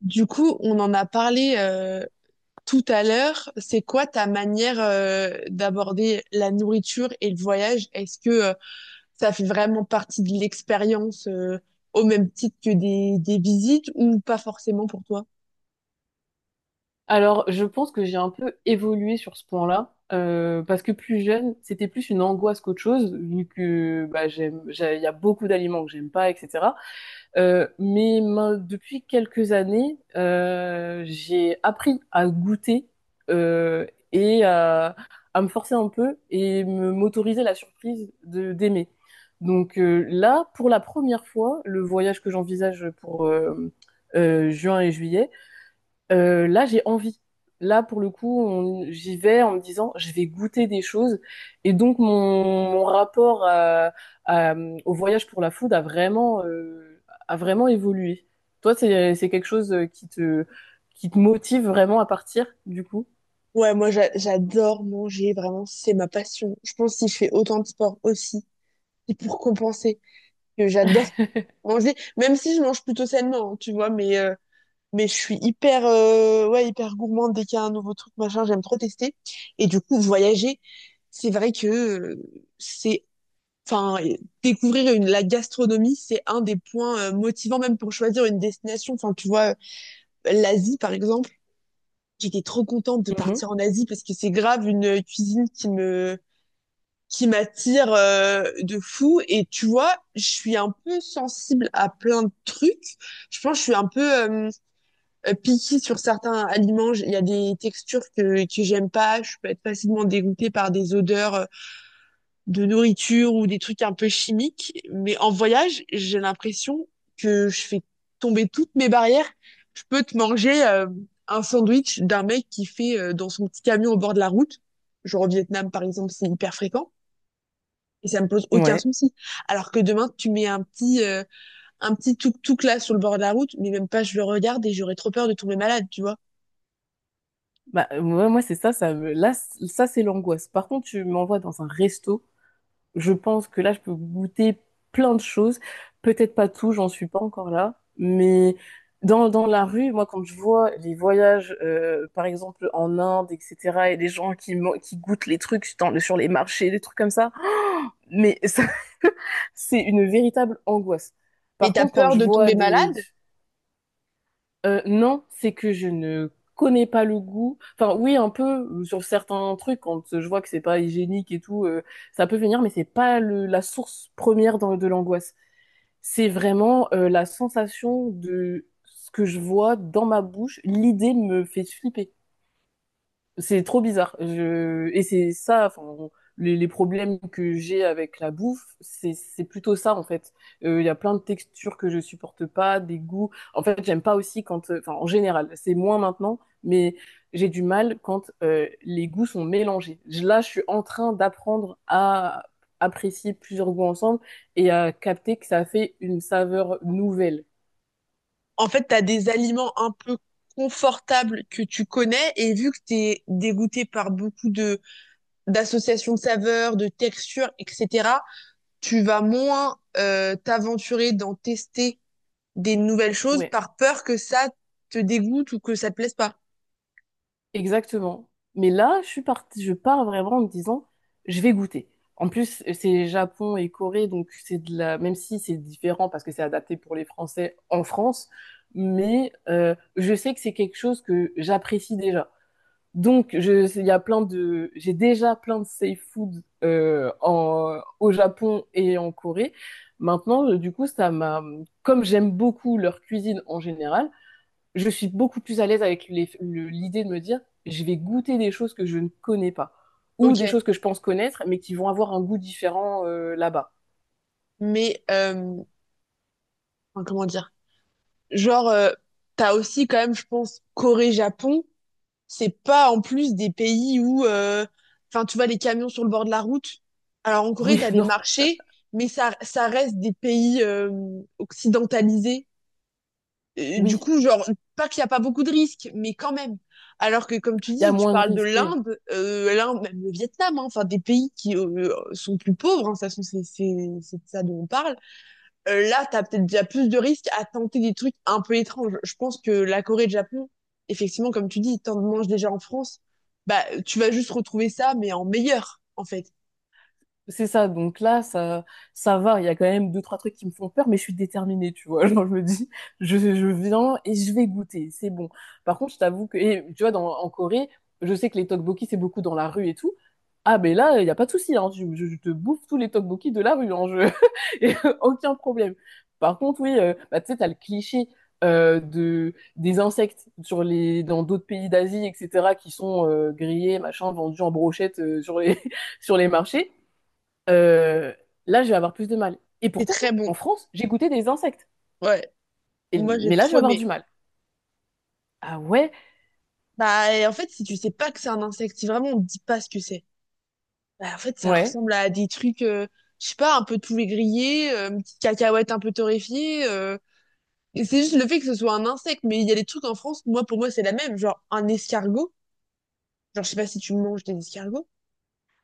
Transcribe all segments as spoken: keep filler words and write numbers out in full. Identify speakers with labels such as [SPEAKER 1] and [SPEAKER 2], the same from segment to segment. [SPEAKER 1] Du coup, on en a parlé euh, tout à l'heure. C'est quoi ta manière euh, d'aborder la nourriture et le voyage? Est-ce que euh, ça fait vraiment partie de l'expérience euh, au même titre que des, des visites ou pas forcément pour toi?
[SPEAKER 2] Alors, je pense que j'ai un peu évolué sur ce point-là, euh, parce que plus jeune, c'était plus une angoisse qu'autre chose, vu que bah, j'aime, j'ai- il y a beaucoup d'aliments que j'aime pas, et cetera. Euh, mais main- depuis quelques années, euh, j'ai appris à goûter euh, et à, à me forcer un peu et me m'autoriser la surprise de d'aimer. Donc euh, là, pour la première fois, le voyage que j'envisage pour euh, euh, juin et juillet. Euh, là, j'ai envie. Là, pour le coup, on- j'y vais en me disant, je vais goûter des choses. Et donc, mon, mon rapport à- à- au voyage pour la food a vraiment, euh, a vraiment évolué. Toi, c'est, c'est quelque chose euh, qui te, qui te motive vraiment à partir, du coup?
[SPEAKER 1] Ouais, moi j'a- j'adore manger, vraiment, c'est ma passion. Je pense que si je fais autant de sport aussi, c'est pour compenser que j'adore manger, même si je mange plutôt sainement, hein, tu vois, mais... euh, mais je suis hyper, euh, ouais, hyper gourmande dès qu'il y a un nouveau truc, machin, j'aime trop tester. Et du coup, voyager, c'est vrai que euh, c'est, enfin, euh, découvrir une, la gastronomie, c'est un des points euh, motivants même pour choisir une destination. Enfin, tu vois, euh, l'Asie, par exemple, j'étais trop contente de
[SPEAKER 2] Mhm.
[SPEAKER 1] partir en Asie parce que c'est grave une euh, cuisine qui me, qui m'attire euh, de fou. Et tu vois, je suis un peu sensible à plein de trucs. Je pense que je suis un peu... euh, euh, picky sur certains aliments. J- Il y a des textures que, que j'aime pas. Je peux être facilement dégoûtée par des odeurs euh, de nourriture ou des trucs un peu chimiques. Mais en voyage, j'ai l'impression que je fais tomber toutes mes barrières. Je peux te manger euh, un sandwich d'un mec qui fait euh, dans son petit camion au bord de la route. Genre au Vietnam, par exemple, c'est hyper fréquent. Et ça me pose aucun
[SPEAKER 2] Ouais.
[SPEAKER 1] souci. Alors que demain, tu mets un petit, euh, un petit tuk-tuk là sur le bord de la route, mais même pas je le regarde et j'aurais trop peur de tomber malade, tu vois.
[SPEAKER 2] Bah, ouais, moi, c'est ça, ça me- là, c- ça, c'est l'angoisse. Par contre, tu m'envoies dans un resto. Je pense que là, je peux goûter plein de choses. Peut-être pas tout, j'en suis pas encore là. Mais dans, dans la rue, moi, quand je vois les voyages, euh, par exemple, en Inde, et cetera, et les gens qui, man- qui goûtent les trucs dans, sur les marchés, des trucs comme ça, mais ça, c'est une véritable angoisse.
[SPEAKER 1] Mais
[SPEAKER 2] Par
[SPEAKER 1] tu as
[SPEAKER 2] contre, quand
[SPEAKER 1] peur
[SPEAKER 2] je
[SPEAKER 1] de
[SPEAKER 2] vois
[SPEAKER 1] tomber
[SPEAKER 2] des,
[SPEAKER 1] malade.
[SPEAKER 2] euh, non, c'est que je ne connais pas le goût. Enfin, oui, un peu euh, sur certains trucs, quand euh, je vois que c'est pas hygiénique et tout, euh, ça peut venir, mais c'est pas le, la source première dans- de l'angoisse. C'est vraiment euh, la sensation de ce que je vois dans ma bouche. L'idée me fait flipper, c'est trop bizarre. Je... Et c'est ça, enfin, on- les, les problèmes que j'ai avec la bouffe, c'est c'est plutôt ça en fait. Euh, Il y a plein de textures que je supporte pas, des goûts. En fait, j'aime pas aussi quand, euh, enfin, en général, c'est moins maintenant, mais j'ai du mal quand euh, les goûts sont mélangés. Je- Là, je suis en train d'apprendre à apprécier plusieurs goûts ensemble et à capter que ça fait une saveur nouvelle.
[SPEAKER 1] En fait, tu as des aliments un peu confortables que tu connais, et vu que tu es dégoûté par beaucoup de d'associations de saveurs, de textures, et cetera, tu vas moins euh, t'aventurer d'en tester des nouvelles choses
[SPEAKER 2] Ouais.
[SPEAKER 1] par peur que ça te dégoûte ou que ça te plaise pas.
[SPEAKER 2] Exactement. Mais là, je suis partie, je pars vraiment en me disant, je vais goûter. En plus, c'est Japon et Corée, donc c'est de la, même si c'est différent parce que c'est adapté pour les Français en France, mais euh, je sais que c'est quelque chose que j'apprécie déjà. Donc, je, il y a plein de, j'ai déjà plein de safe food euh, en, au Japon et en Corée. Maintenant, euh, du coup, ça m'a, comme j'aime beaucoup leur cuisine en général, je suis beaucoup plus à l'aise avec les- le- l'idée de me dire, je vais goûter des choses que je ne connais pas, ou des
[SPEAKER 1] Ok.
[SPEAKER 2] choses que je pense connaître, mais qui vont avoir un goût différent euh, là-bas.
[SPEAKER 1] Mais euh, enfin, comment dire. Genre, euh, t'as aussi quand même, je pense, Corée-Japon. C'est pas en plus des pays où, euh, enfin, tu vois les camions sur le bord de la route. Alors en Corée,
[SPEAKER 2] Oui,
[SPEAKER 1] t'as des
[SPEAKER 2] non,
[SPEAKER 1] marchés, mais ça, ça reste des pays euh, occidentalisés. Euh, du
[SPEAKER 2] oui,
[SPEAKER 1] coup, genre, pas qu'il n'y a pas beaucoup de risques, mais quand même. Alors que, comme tu
[SPEAKER 2] il y a
[SPEAKER 1] dis, tu
[SPEAKER 2] moins de
[SPEAKER 1] parles de
[SPEAKER 2] risques, oui.
[SPEAKER 1] l'Inde, euh, l'Inde, même le Vietnam, hein, enfin des pays qui euh, sont plus pauvres, hein, de toute façon, c'est c'est- c'est de ça dont on parle, euh, là, t'as peut-être déjà plus de risques à tenter des trucs un peu étranges. Je pense que la Corée et le Japon, effectivement, comme tu dis, t'en manges déjà en France, bah, tu vas juste retrouver ça, mais en meilleur, en fait.
[SPEAKER 2] C'est ça, donc là, ça, ça va. Il y a quand même deux, trois trucs qui me font peur, mais je suis déterminée, tu vois. Genre, je me dis, je, je viens et je vais goûter, c'est bon. Par contre, je t'avoue que, et, tu vois, dans, en Corée, je sais que les tteokbokki, c'est beaucoup dans la rue et tout. Ah, mais là, il n'y a pas de souci, hein. Je, je- je te bouffe tous les tteokbokki de la rue, hein. Je... et euh, aucun problème. Par contre, oui, euh, bah, tu sais, t'as le cliché euh, de, des insectes sur les, dans d'autres pays d'Asie, et cetera, qui sont euh, grillés, machin, vendus en brochette euh, sur les, sur les marchés. Euh, Là, je vais avoir plus de mal. Et
[SPEAKER 1] C'est
[SPEAKER 2] pourtant,
[SPEAKER 1] très
[SPEAKER 2] en
[SPEAKER 1] bon.
[SPEAKER 2] France, j'ai goûté des insectes.
[SPEAKER 1] Ouais.
[SPEAKER 2] Et-
[SPEAKER 1] Moi, j'ai
[SPEAKER 2] mais là, je vais
[SPEAKER 1] trop
[SPEAKER 2] avoir du
[SPEAKER 1] aimé.
[SPEAKER 2] mal. Ah ouais?
[SPEAKER 1] Bah, et en fait, si tu sais pas que c'est un insecte, si vraiment on te dit pas ce que c'est, bah, en fait, ça
[SPEAKER 2] Ouais.
[SPEAKER 1] ressemble à des trucs, euh, je sais pas, un peu poulet grillé, euh, une petite cacahuète un peu torréfiée, euh, et c'est juste le fait que ce soit un insecte, mais il y a des trucs en France, moi, pour moi, c'est la même. Genre, un escargot. Genre, je sais pas si tu manges des escargots.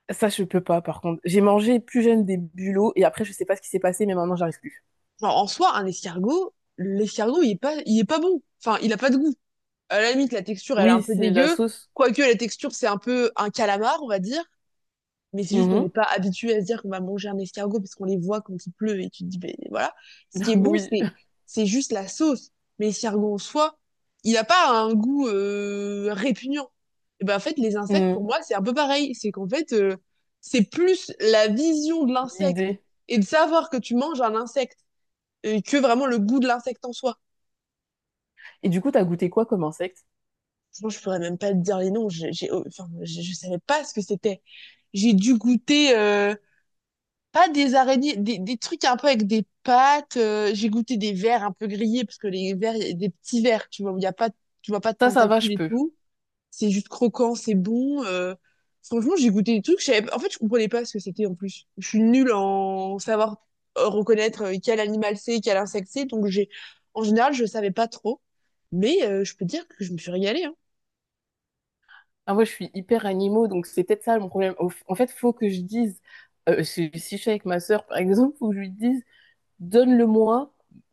[SPEAKER 2] Ça, je peux pas, par contre. J'ai mangé plus jeune des bulots et après, je sais pas ce qui s'est passé, mais maintenant, j'arrive plus.
[SPEAKER 1] Genre, en soi, un escargot, l'escargot, il est pas, il est pas bon. Enfin, il a pas de goût. À la limite, la texture, elle est un
[SPEAKER 2] Oui,
[SPEAKER 1] peu
[SPEAKER 2] c'est la
[SPEAKER 1] dégueu.
[SPEAKER 2] sauce.
[SPEAKER 1] Quoique, la texture, c'est un peu un calamar, on va dire. Mais c'est juste qu'on
[SPEAKER 2] Mhm.
[SPEAKER 1] n'est pas habitué à se dire qu'on va manger un escargot parce qu'on les voit quand il pleut et tu te dis, ben voilà. Ce qui est bon,
[SPEAKER 2] Oui.
[SPEAKER 1] c'est, c'est juste la sauce. Mais l'escargot en soi, il n'a pas un goût euh, répugnant. Et ben, en fait, les insectes, pour
[SPEAKER 2] Mm,
[SPEAKER 1] moi, c'est un peu pareil. C'est qu'en fait, euh, c'est plus la vision de l'insecte
[SPEAKER 2] l'idée.
[SPEAKER 1] et de savoir que tu manges un insecte et que vraiment le goût de l'insecte en soi.
[SPEAKER 2] Et du coup, t'as goûté quoi comme insecte?
[SPEAKER 1] Franchement, je pourrais même pas te dire les noms. J'ai, j'ai- enfin, je, je savais pas ce que c'était. J'ai dû goûter euh, pas des araignées, des, des trucs un peu avec des pattes. Euh, j'ai goûté des vers un peu grillés parce que les vers, il y a des petits vers, tu vois, où il y a pas, tu vois pas de
[SPEAKER 2] Ça, ça va, je
[SPEAKER 1] tentacules et
[SPEAKER 2] peux.
[SPEAKER 1] tout. C'est juste croquant, c'est bon. euh, Franchement, j'ai goûté des trucs. je savais- En fait, je comprenais pas ce que c'était en plus. Je suis nulle en savoir euh, reconnaître euh, quel animal c'est, quel insecte c'est. Donc, j'ai... en général, je savais pas trop. Mais euh, je peux dire que je me suis régalée, hein.
[SPEAKER 2] Ah, moi, je suis hyper animaux, donc c'est peut-être ça mon problème. Au- En fait, faut que je dise, euh, si si je suis avec ma sœur, par exemple, faut que je lui dise. Donne-le-moi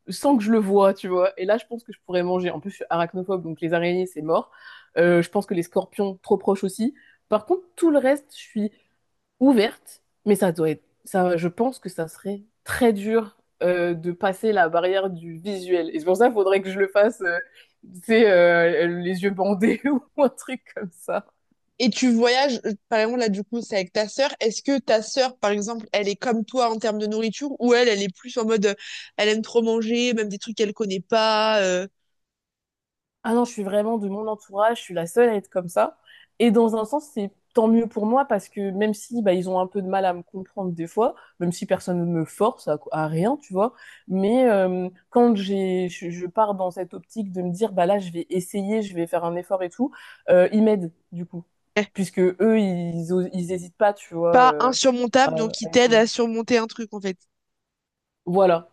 [SPEAKER 2] sans que je le vois, tu vois. Et là, je pense que je pourrais manger. En plus, je suis arachnophobe, donc les araignées, c'est mort. Euh, je pense que les scorpions, trop proches aussi. Par contre, tout le reste, je suis ouverte, mais ça doit être, ça, je pense que ça serait très dur euh, de passer la barrière du visuel. Et c'est pour ça qu'il faudrait que je le fasse, euh, tu sais, euh, les yeux bandés ou un truc comme ça.
[SPEAKER 1] Et tu voyages, euh, par exemple, là, du coup, c'est avec ta sœur. Est-ce que ta sœur, par exemple, elle est comme toi en termes de nourriture, ou elle, elle est plus en mode, euh, elle aime trop manger, même des trucs qu'elle connaît pas, euh,
[SPEAKER 2] Ah non, je suis vraiment de mon entourage, je suis la seule à être comme ça. Et dans un sens, c'est tant mieux pour moi parce que même si bah, ils ont un peu de mal à me comprendre des fois, même si personne ne me force à, à rien, tu vois, mais euh, quand j'ai, je, je pars dans cette optique de me dire, bah là, je vais essayer, je vais faire un effort et tout, euh, ils m'aident du coup,
[SPEAKER 1] eh,
[SPEAKER 2] puisque eux, ils, os- ils hésitent pas, tu vois,
[SPEAKER 1] pas
[SPEAKER 2] euh,
[SPEAKER 1] insurmontable, donc
[SPEAKER 2] à,
[SPEAKER 1] qui
[SPEAKER 2] à
[SPEAKER 1] t'aide
[SPEAKER 2] essayer.
[SPEAKER 1] à surmonter un truc, en fait.
[SPEAKER 2] Voilà.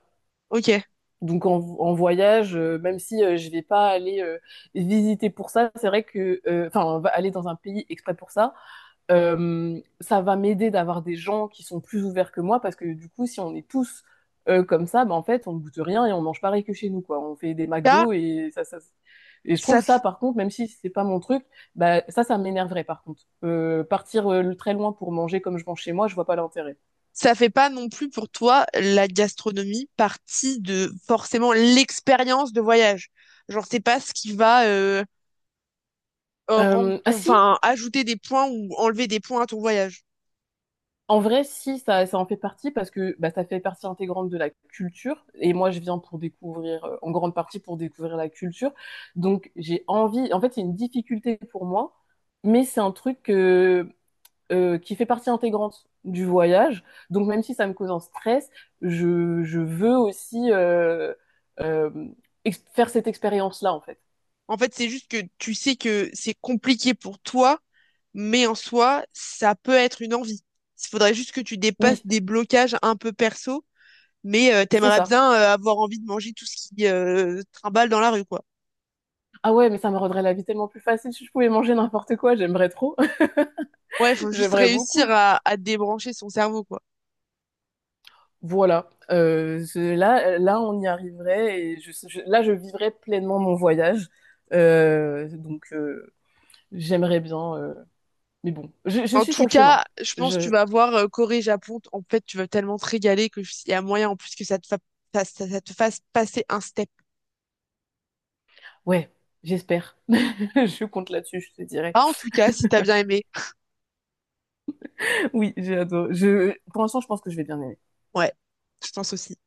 [SPEAKER 1] Ok.
[SPEAKER 2] Donc en, en voyage, euh, même si euh, je vais pas aller euh, visiter pour ça, c'est vrai que, euh, enfin, on va aller dans un pays exprès pour ça, euh, ça va m'aider d'avoir des gens qui sont plus ouverts que moi, parce que du coup, si on est tous euh, comme ça, bah, en fait, on ne goûte rien et on mange pareil que chez nous, quoi. On fait des
[SPEAKER 1] Ça,
[SPEAKER 2] McDo et ça, ça. Et je trouve
[SPEAKER 1] ça
[SPEAKER 2] ça, par contre, même si c'est pas mon truc, bah, ça, ça m'énerverait, par contre. Euh, partir euh, très loin pour manger comme je mange chez moi, je vois pas l'intérêt.
[SPEAKER 1] ça fait pas non plus pour toi la gastronomie partie de forcément l'expérience de voyage. Genre, c'est pas ce qui va euh, euh, rendre
[SPEAKER 2] Euh, ah
[SPEAKER 1] ton,
[SPEAKER 2] si,
[SPEAKER 1] enfin, ajouter des points ou enlever des points à ton voyage.
[SPEAKER 2] En vrai, si, ça, ça en fait partie parce que bah, ça fait partie intégrante de la culture. Et moi, je viens pour découvrir, euh, en grande partie pour découvrir la culture. Donc, j'ai envie, en fait, c'est une difficulté pour moi, mais c'est un truc que- euh, qui fait partie intégrante du voyage. Donc, même si ça me cause un stress, je, je veux aussi euh, euh, ex- faire cette expérience-là, en fait.
[SPEAKER 1] En fait, c'est juste que tu sais que c'est compliqué pour toi, mais en soi, ça peut être une envie. Il faudrait juste que tu dépasses
[SPEAKER 2] Oui,
[SPEAKER 1] des blocages un peu perso, mais euh,
[SPEAKER 2] c'est
[SPEAKER 1] t'aimerais
[SPEAKER 2] ça.
[SPEAKER 1] bien euh, avoir envie de manger tout ce qui euh, trimballe dans la rue, quoi.
[SPEAKER 2] Ah ouais, mais ça me rendrait la vie tellement plus facile si je pouvais manger n'importe quoi. J'aimerais trop.
[SPEAKER 1] Ouais, faut juste
[SPEAKER 2] J'aimerais
[SPEAKER 1] réussir
[SPEAKER 2] beaucoup.
[SPEAKER 1] à, à débrancher son cerveau, quoi.
[SPEAKER 2] Voilà. Euh, je- là, là, on y arriverait et je, je- là, je vivrais pleinement mon voyage. Euh, donc, euh, J'aimerais bien. euh, mais bon, je, je
[SPEAKER 1] En
[SPEAKER 2] suis
[SPEAKER 1] tout
[SPEAKER 2] sur le chemin.
[SPEAKER 1] cas, je pense que tu
[SPEAKER 2] Je,
[SPEAKER 1] vas voir euh, Corée-Japon. En fait, tu vas tellement te régaler que je- il y a moyen en plus que ça te, fa- ça, ça- ça te fasse passer un step.
[SPEAKER 2] ouais, j'espère. Je compte là-dessus, je te dirais.
[SPEAKER 1] Ah, en tout cas, si t'as bien aimé.
[SPEAKER 2] Oui, j'adore. Je, pour l'instant, je pense que je vais bien aimer.
[SPEAKER 1] Ouais, je pense aussi.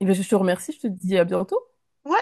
[SPEAKER 2] Eh bien, je te remercie. Je te dis à bientôt.
[SPEAKER 1] Ouais.